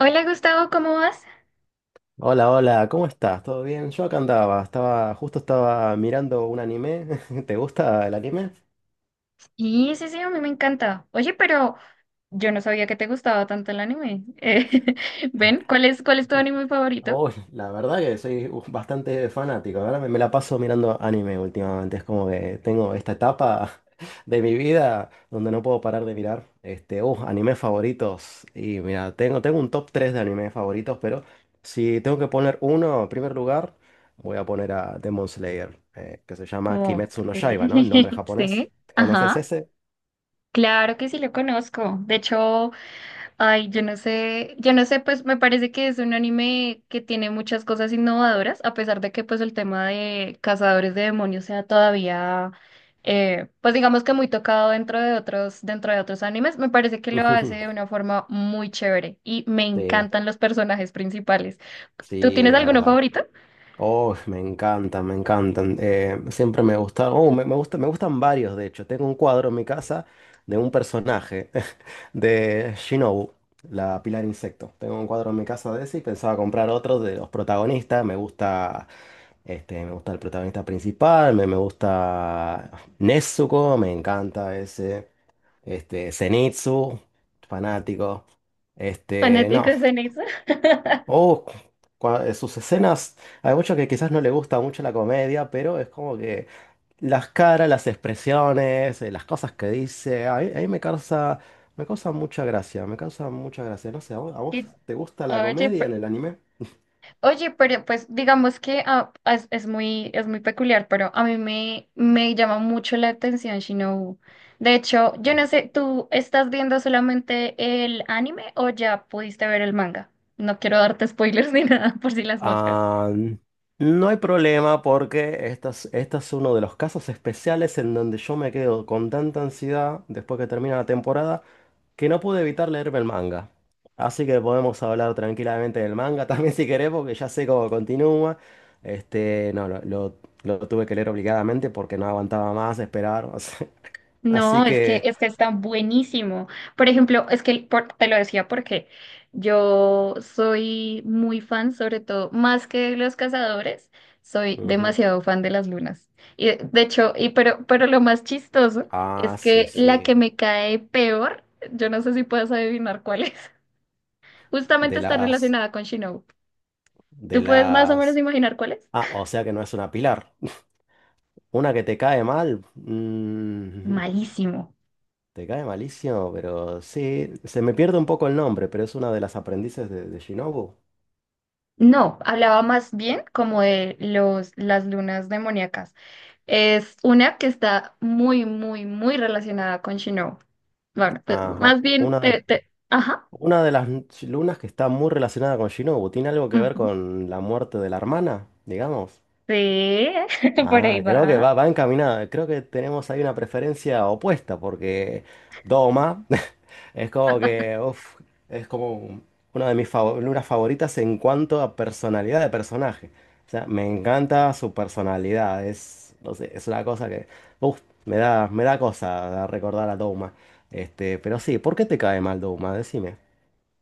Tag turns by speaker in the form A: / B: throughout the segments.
A: Hola, Gustavo, ¿cómo vas?
B: Hola, hola, ¿cómo estás? ¿Todo bien? Yo acá andaba, estaba, justo estaba mirando un anime. ¿Te gusta el anime?
A: Sí, sí, sí, a mí me encanta. Oye, pero yo no sabía que te gustaba tanto el anime. Ven, ¿cuál es tu anime favorito?
B: Oh, la verdad que soy bastante fanático, ahora me la paso mirando anime últimamente. Es como que tengo esta etapa de mi vida donde no puedo parar de mirar. Este, animes favoritos. Y mira, tengo un top 3 de animes favoritos, pero si tengo que poner uno en primer lugar, voy a poner a Demon Slayer, que se llama
A: Ok,
B: Kimetsu no Yaiba, ¿no? El nombre japonés.
A: sí,
B: ¿Conoces
A: ajá,
B: ese?
A: claro que sí lo conozco. De hecho, ay, yo no sé, pues me parece que es un anime que tiene muchas cosas innovadoras, a pesar de que pues el tema de cazadores de demonios sea todavía, pues digamos que muy tocado dentro de otros animes. Me parece que lo hace
B: Ujú.
A: de una forma muy chévere y me
B: Sí,
A: encantan los personajes principales. ¿Tú
B: sí,
A: tienes
B: es
A: alguno
B: verdad.
A: favorito?
B: Oh, me encantan, me encantan. Siempre me gusta, oh, me gusta, me gustan varios, de hecho. Tengo un cuadro en mi casa de un personaje de Shinobu, la Pilar Insecto. Tengo un cuadro en mi casa de ese y pensaba comprar otro de los protagonistas. Me gusta, este, me gusta el protagonista principal, me gusta Nezuko, me encanta ese, este, Zenitsu, fanático. Este, no.
A: Fanáticos en eso.
B: Oh, sus escenas, hay mucho que quizás no le gusta mucho la comedia, pero es como que las caras, las expresiones, las cosas que dice, a mí me causa mucha gracia, me causa mucha gracia. No sé, ¿a vos, a vos
A: Qué.
B: te gusta la comedia en el anime?
A: Oye, pero pues digamos que es muy peculiar, pero a mí me llama mucho la atención Shinobu. De hecho, yo no sé, ¿tú estás viendo solamente el anime o ya pudiste ver el manga? No quiero darte spoilers ni nada por si las moscas.
B: Ah, no hay problema porque esta es uno de los casos especiales en donde yo me quedo con tanta ansiedad después que termina la temporada que no pude evitar leerme el manga. Así que podemos hablar tranquilamente del manga también si querés porque ya sé cómo continúa. Este, no, lo tuve que leer obligadamente porque no aguantaba más esperar. O sea, así
A: No,
B: que...
A: es que está buenísimo. Por ejemplo, es que por- te lo decía porque yo soy muy fan, sobre todo, más que de los cazadores, soy
B: Ujú.
A: demasiado fan de las lunas. Y de hecho, y pero lo más chistoso es
B: Ah, sí,
A: que la que
B: sí.
A: me cae peor, yo no sé si puedes adivinar cuál es. Justamente
B: De
A: está
B: las...
A: relacionada con Shinobu.
B: De
A: ¿Tú puedes más o menos
B: las...
A: imaginar cuál es?
B: Ah, o sea que no es una pilar. Una que te cae mal.
A: Malísimo.
B: Te cae malísimo, pero sí. Se me pierde un poco el nombre, pero es una de las aprendices de Shinobu.
A: No, hablaba más bien como de los, las lunas demoníacas. Es una que está muy, muy, muy relacionada con Shinobu. Bueno, pues,
B: Ajá.
A: más bien,
B: Una,
A: te- ajá.
B: una de las lunas que está muy relacionada con Shinobu. ¿Tiene algo que ver
A: Ujú.
B: con la muerte de la hermana, digamos?
A: Sí, por ahí
B: Ah, creo que
A: va.
B: va, va encaminada. Creo que tenemos ahí una preferencia opuesta, porque Doma es como que, uf, es como una de mis figuras favoritas en cuanto a personalidad de personaje. O sea, me encanta su personalidad. Es, no sé, es una cosa que, uf, me da cosa recordar a Doma. Este, pero sí, ¿por qué te cae mal Doma? Decime.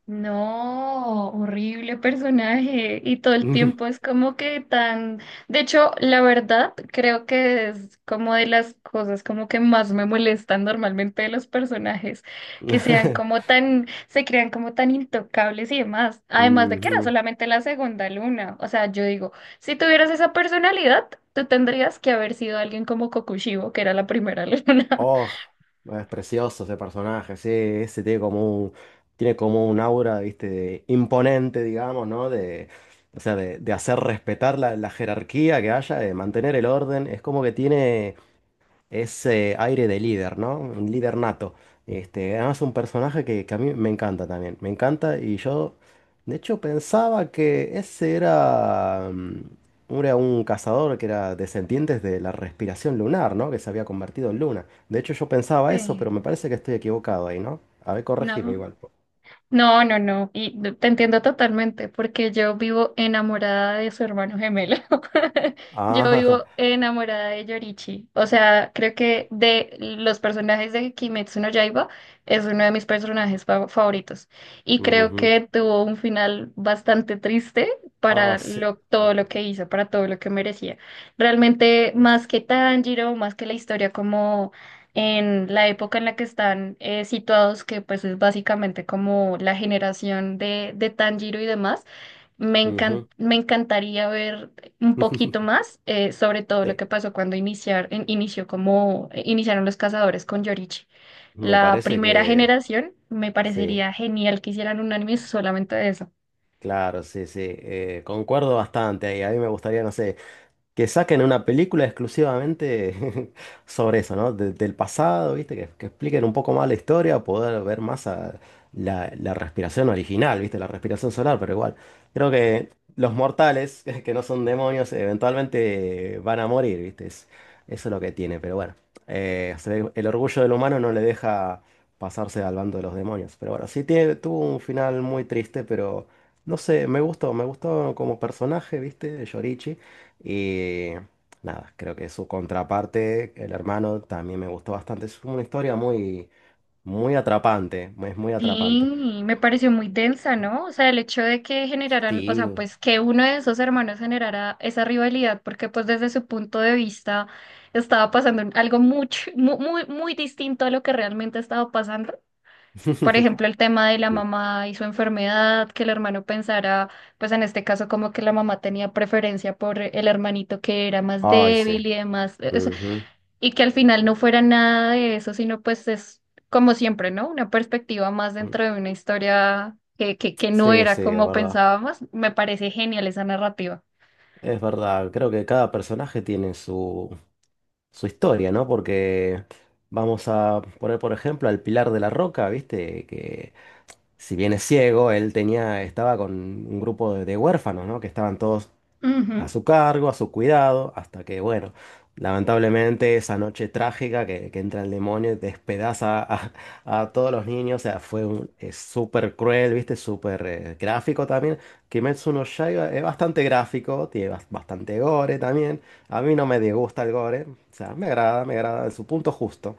A: No, horrible personaje. Y todo el tiempo es como que tan... De hecho, la verdad, creo que es como de las cosas como que más me molestan normalmente de los personajes, que sean como tan, se crean como tan intocables y demás. Además de que era
B: Ujú.
A: solamente la segunda luna. O sea, yo digo, si tuvieras esa personalidad, tú tendrías que haber sido alguien como Kokushibo, que era la primera luna.
B: Oh, bueno, es precioso ese personaje, sí, ese tiene como un aura, viste, imponente, digamos, ¿no? De, o sea, de hacer respetar la, la jerarquía que haya, de mantener el orden. Es como que tiene. Ese aire de líder, ¿no? Un líder nato. Este, además un personaje que a mí me encanta también. Me encanta y yo, de hecho, pensaba que ese era, era un cazador que era descendiente de la respiración lunar, ¿no? Que se había convertido en luna. De hecho, yo pensaba eso, pero me
A: Sí,
B: parece que estoy equivocado ahí, ¿no? A ver, corregime
A: no.
B: igual.
A: No, no, no. Y te entiendo totalmente, porque yo vivo enamorada de su hermano gemelo. Yo
B: Ah,
A: vivo enamorada de Yorichi. O sea, creo que de los personajes de Kimetsu no Yaiba es uno de mis personajes favoritos. Y creo
B: ujú.
A: que tuvo un final bastante triste
B: Ah,
A: para
B: sí.
A: todo
B: Sí,
A: lo que hizo, para todo lo que merecía. Realmente,
B: es.
A: más que Tanjiro, más que la historia como en la época en la que están situados, que pues es básicamente como la generación de Tanjiro y demás.
B: Ujú.
A: Me encantaría ver un poquito más, sobre todo lo
B: Sí,
A: que pasó cuando inició como, iniciaron los cazadores con Yorichi.
B: me
A: La
B: parece
A: primera
B: que
A: generación, me
B: sí.
A: parecería genial que hicieran un anime solamente de eso.
B: Claro, sí, sí, concuerdo bastante ahí. A mí me gustaría, no sé, que saquen una película exclusivamente sobre eso, ¿no? Del pasado, ¿viste? Que expliquen un poco más la historia, poder ver más a la, la respiración original, ¿viste? La respiración solar, pero igual. Creo que los mortales, que no son demonios, eventualmente van a morir, ¿viste? Eso es lo que tiene, pero bueno. El orgullo del humano no le deja pasarse al bando de los demonios. Pero bueno, sí tiene, tuvo un final muy triste, pero no sé, me gustó como personaje, ¿viste? Yorichi. Y nada, creo que su contraparte, el hermano, también me gustó bastante. Es una historia muy, muy atrapante. Es muy atrapante.
A: Sí, me pareció muy densa, ¿no? O sea, el hecho de que generaran, o sea,
B: Sí.
A: pues que uno de esos hermanos generara esa rivalidad, porque pues desde su punto de vista estaba pasando algo mucho, muy, muy, muy distinto a lo que realmente estaba pasando. Por ejemplo, el tema de la
B: Sí.
A: mamá y su enfermedad, que el hermano pensara, pues en este caso como que la mamá tenía preferencia por el hermanito que era más
B: Ay, sí.
A: débil y demás.
B: Ujú.
A: Y que al final no fuera nada de eso, sino pues es como siempre, ¿no? Una perspectiva más dentro de una historia que no
B: Sí,
A: era
B: sí, es
A: como
B: verdad.
A: pensábamos. Me parece genial esa narrativa.
B: Es verdad. Creo que cada personaje tiene su, su historia, ¿no? Porque vamos a poner, por ejemplo, al Pilar de la Roca, ¿viste? Que si bien es ciego, él tenía, estaba con un grupo de huérfanos, ¿no? Que estaban todos a
A: Ujú.
B: su cargo, a su cuidado, hasta que, bueno, lamentablemente esa noche trágica que entra el demonio y despedaza a todos los niños, o sea, fue un, es súper cruel, ¿viste? Súper gráfico también. Kimetsu no Yaiba es bastante gráfico, tiene bastante gore también. A mí no me disgusta el gore, o sea, me agrada en su punto justo.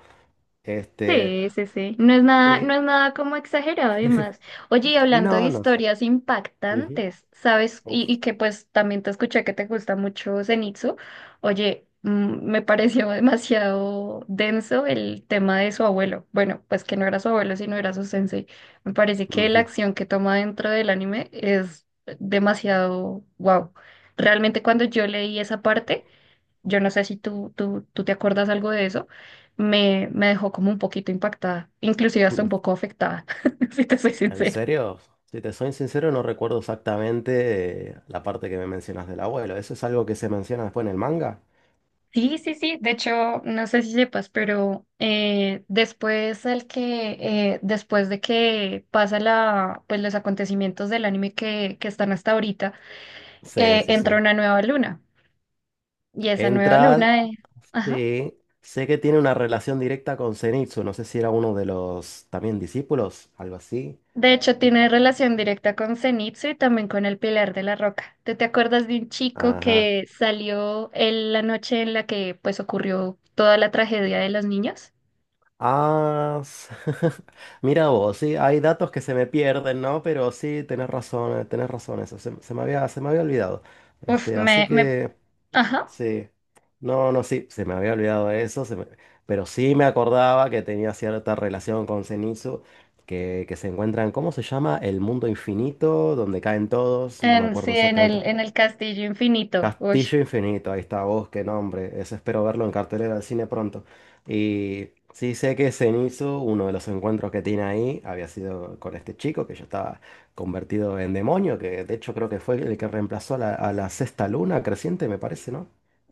B: Este,
A: Sí, sí, sí. No es nada, no
B: sí,
A: es nada como exagerado además. Oye, y hablando de
B: no, no sé.
A: historias
B: Ujú.
A: impactantes, ¿sabes?
B: Uf.
A: Y que pues también te escuché que te gusta mucho Zenitsu. Oye, mm, me pareció demasiado denso el tema de su abuelo. Bueno, pues que no era su abuelo, sino era su sensei. Me parece que la acción que toma dentro del anime es demasiado wow. Realmente cuando yo leí esa parte yo no sé si tú te acuerdas algo de eso, me dejó como un poquito impactada, inclusive hasta un
B: Ujú.
A: poco afectada, si te soy
B: En
A: sincera.
B: serio, si te soy sincero, no recuerdo exactamente la parte que me mencionas del abuelo. ¿Eso es algo que se menciona después en el manga?
A: Sí, sí, sí, de hecho, no sé si sepas, pero después después de que pasa pues los acontecimientos del anime que están hasta ahorita,
B: Sí, sí,
A: entra
B: sí.
A: una nueva luna, y esa nueva
B: Entra,
A: luna, ajá.
B: sí. Sé que tiene una relación directa con Zenitsu. No sé si era uno de los también discípulos, algo así.
A: De hecho, tiene relación directa con Zenitsu y también con el Pilar de la Roca. ¿Tú te acuerdas de un chico
B: Ajá.
A: que salió en la noche en la que pues ocurrió toda la tragedia de los niños?
B: Ah, mira vos, sí, hay datos que se me pierden, ¿no? Pero sí, tenés razón, eso se, se me había olvidado.
A: Uf,
B: Este, así
A: me,
B: que.
A: ajá.
B: Sí. No, no, sí, se me había olvidado de eso, pero sí me acordaba que tenía cierta relación con Zenitsu, que se encuentran, ¿cómo se llama? El mundo infinito, donde caen todos, no me
A: Sí,
B: acuerdo exactamente.
A: en el Castillo Infinito. Uy.
B: Castillo Infinito, ahí está vos, qué nombre. Ese espero verlo en cartelera del cine pronto. Y sí sé que Zenitsu, uno de los encuentros que tiene ahí, había sido con este chico que ya estaba convertido en demonio, que de hecho creo que fue el que reemplazó a la sexta luna creciente, me parece, ¿no?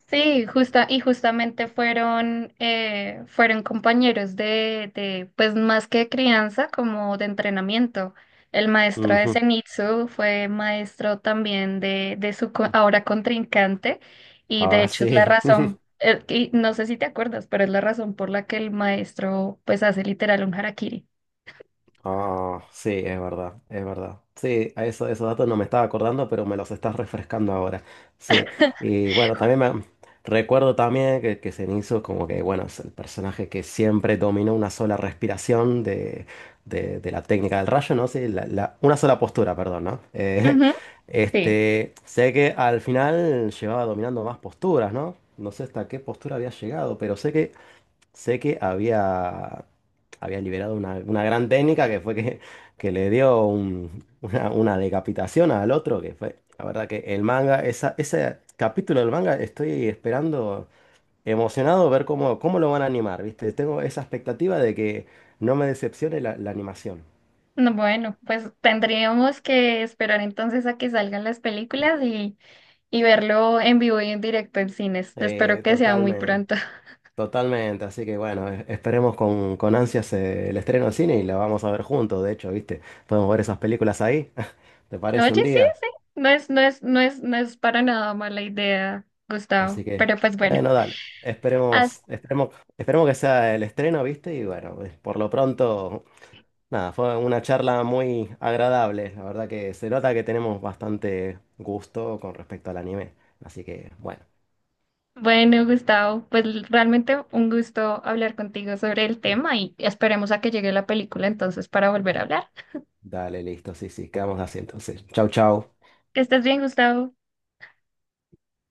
A: Sí, justa, y justamente fueron, fueron compañeros pues más que crianza, como de entrenamiento. El maestro de
B: Ujú.
A: Zenitsu fue maestro también de su ahora contrincante, y de
B: Ah,
A: hecho es la
B: sí.
A: razón, y no sé si te acuerdas, pero es la razón por la que el maestro pues hace literal un harakiri.
B: Ah, sí, es verdad, es verdad. Sí, a eso, esos datos no me estaba acordando, pero me los estás refrescando ahora. Sí, y bueno, también me recuerdo también que Zenitsu como que, bueno, es el personaje que siempre dominó una sola respiración de, de la técnica del rayo, ¿no? Sí, una sola postura, perdón, ¿no?
A: Ujú, sí.
B: Este, sé que al final llevaba dominando más posturas, ¿no? No sé hasta qué postura había llegado, pero sé que había, había liberado una gran técnica que fue que le dio una decapitación al otro, que fue, la verdad que el manga, esa, ese capítulo del manga estoy esperando emocionado ver cómo, cómo lo van a animar, ¿viste? Tengo esa expectativa de que no me decepcione la, la animación.
A: No, bueno, pues tendríamos que esperar entonces a que salgan las películas. Y y verlo en vivo y en directo en cines. Espero que sea muy
B: Totalmente,
A: pronto.
B: totalmente, así que bueno, esperemos con ansias el estreno en cine y la vamos a ver juntos, de hecho, ¿viste? Podemos ver esas películas ahí, ¿te
A: Oye,
B: parece un
A: sí,
B: día?
A: sí, no es para nada mala idea,
B: Así
A: Gustavo.
B: que,
A: Pero pues bueno,
B: bueno, dale.
A: haz-
B: Esperemos, esperemos, esperemos que sea el estreno, ¿viste? Y bueno, por lo pronto, nada, fue una charla muy agradable. La verdad que se nota que tenemos bastante gusto con respecto al anime. Así que, bueno,
A: bueno, Gustavo, pues l- realmente un gusto hablar contigo sobre el tema y esperemos a que llegue la película entonces para volver a hablar.
B: dale, listo, sí, sí, quedamos así entonces. Chau, chau.
A: Que estés bien, Gustavo.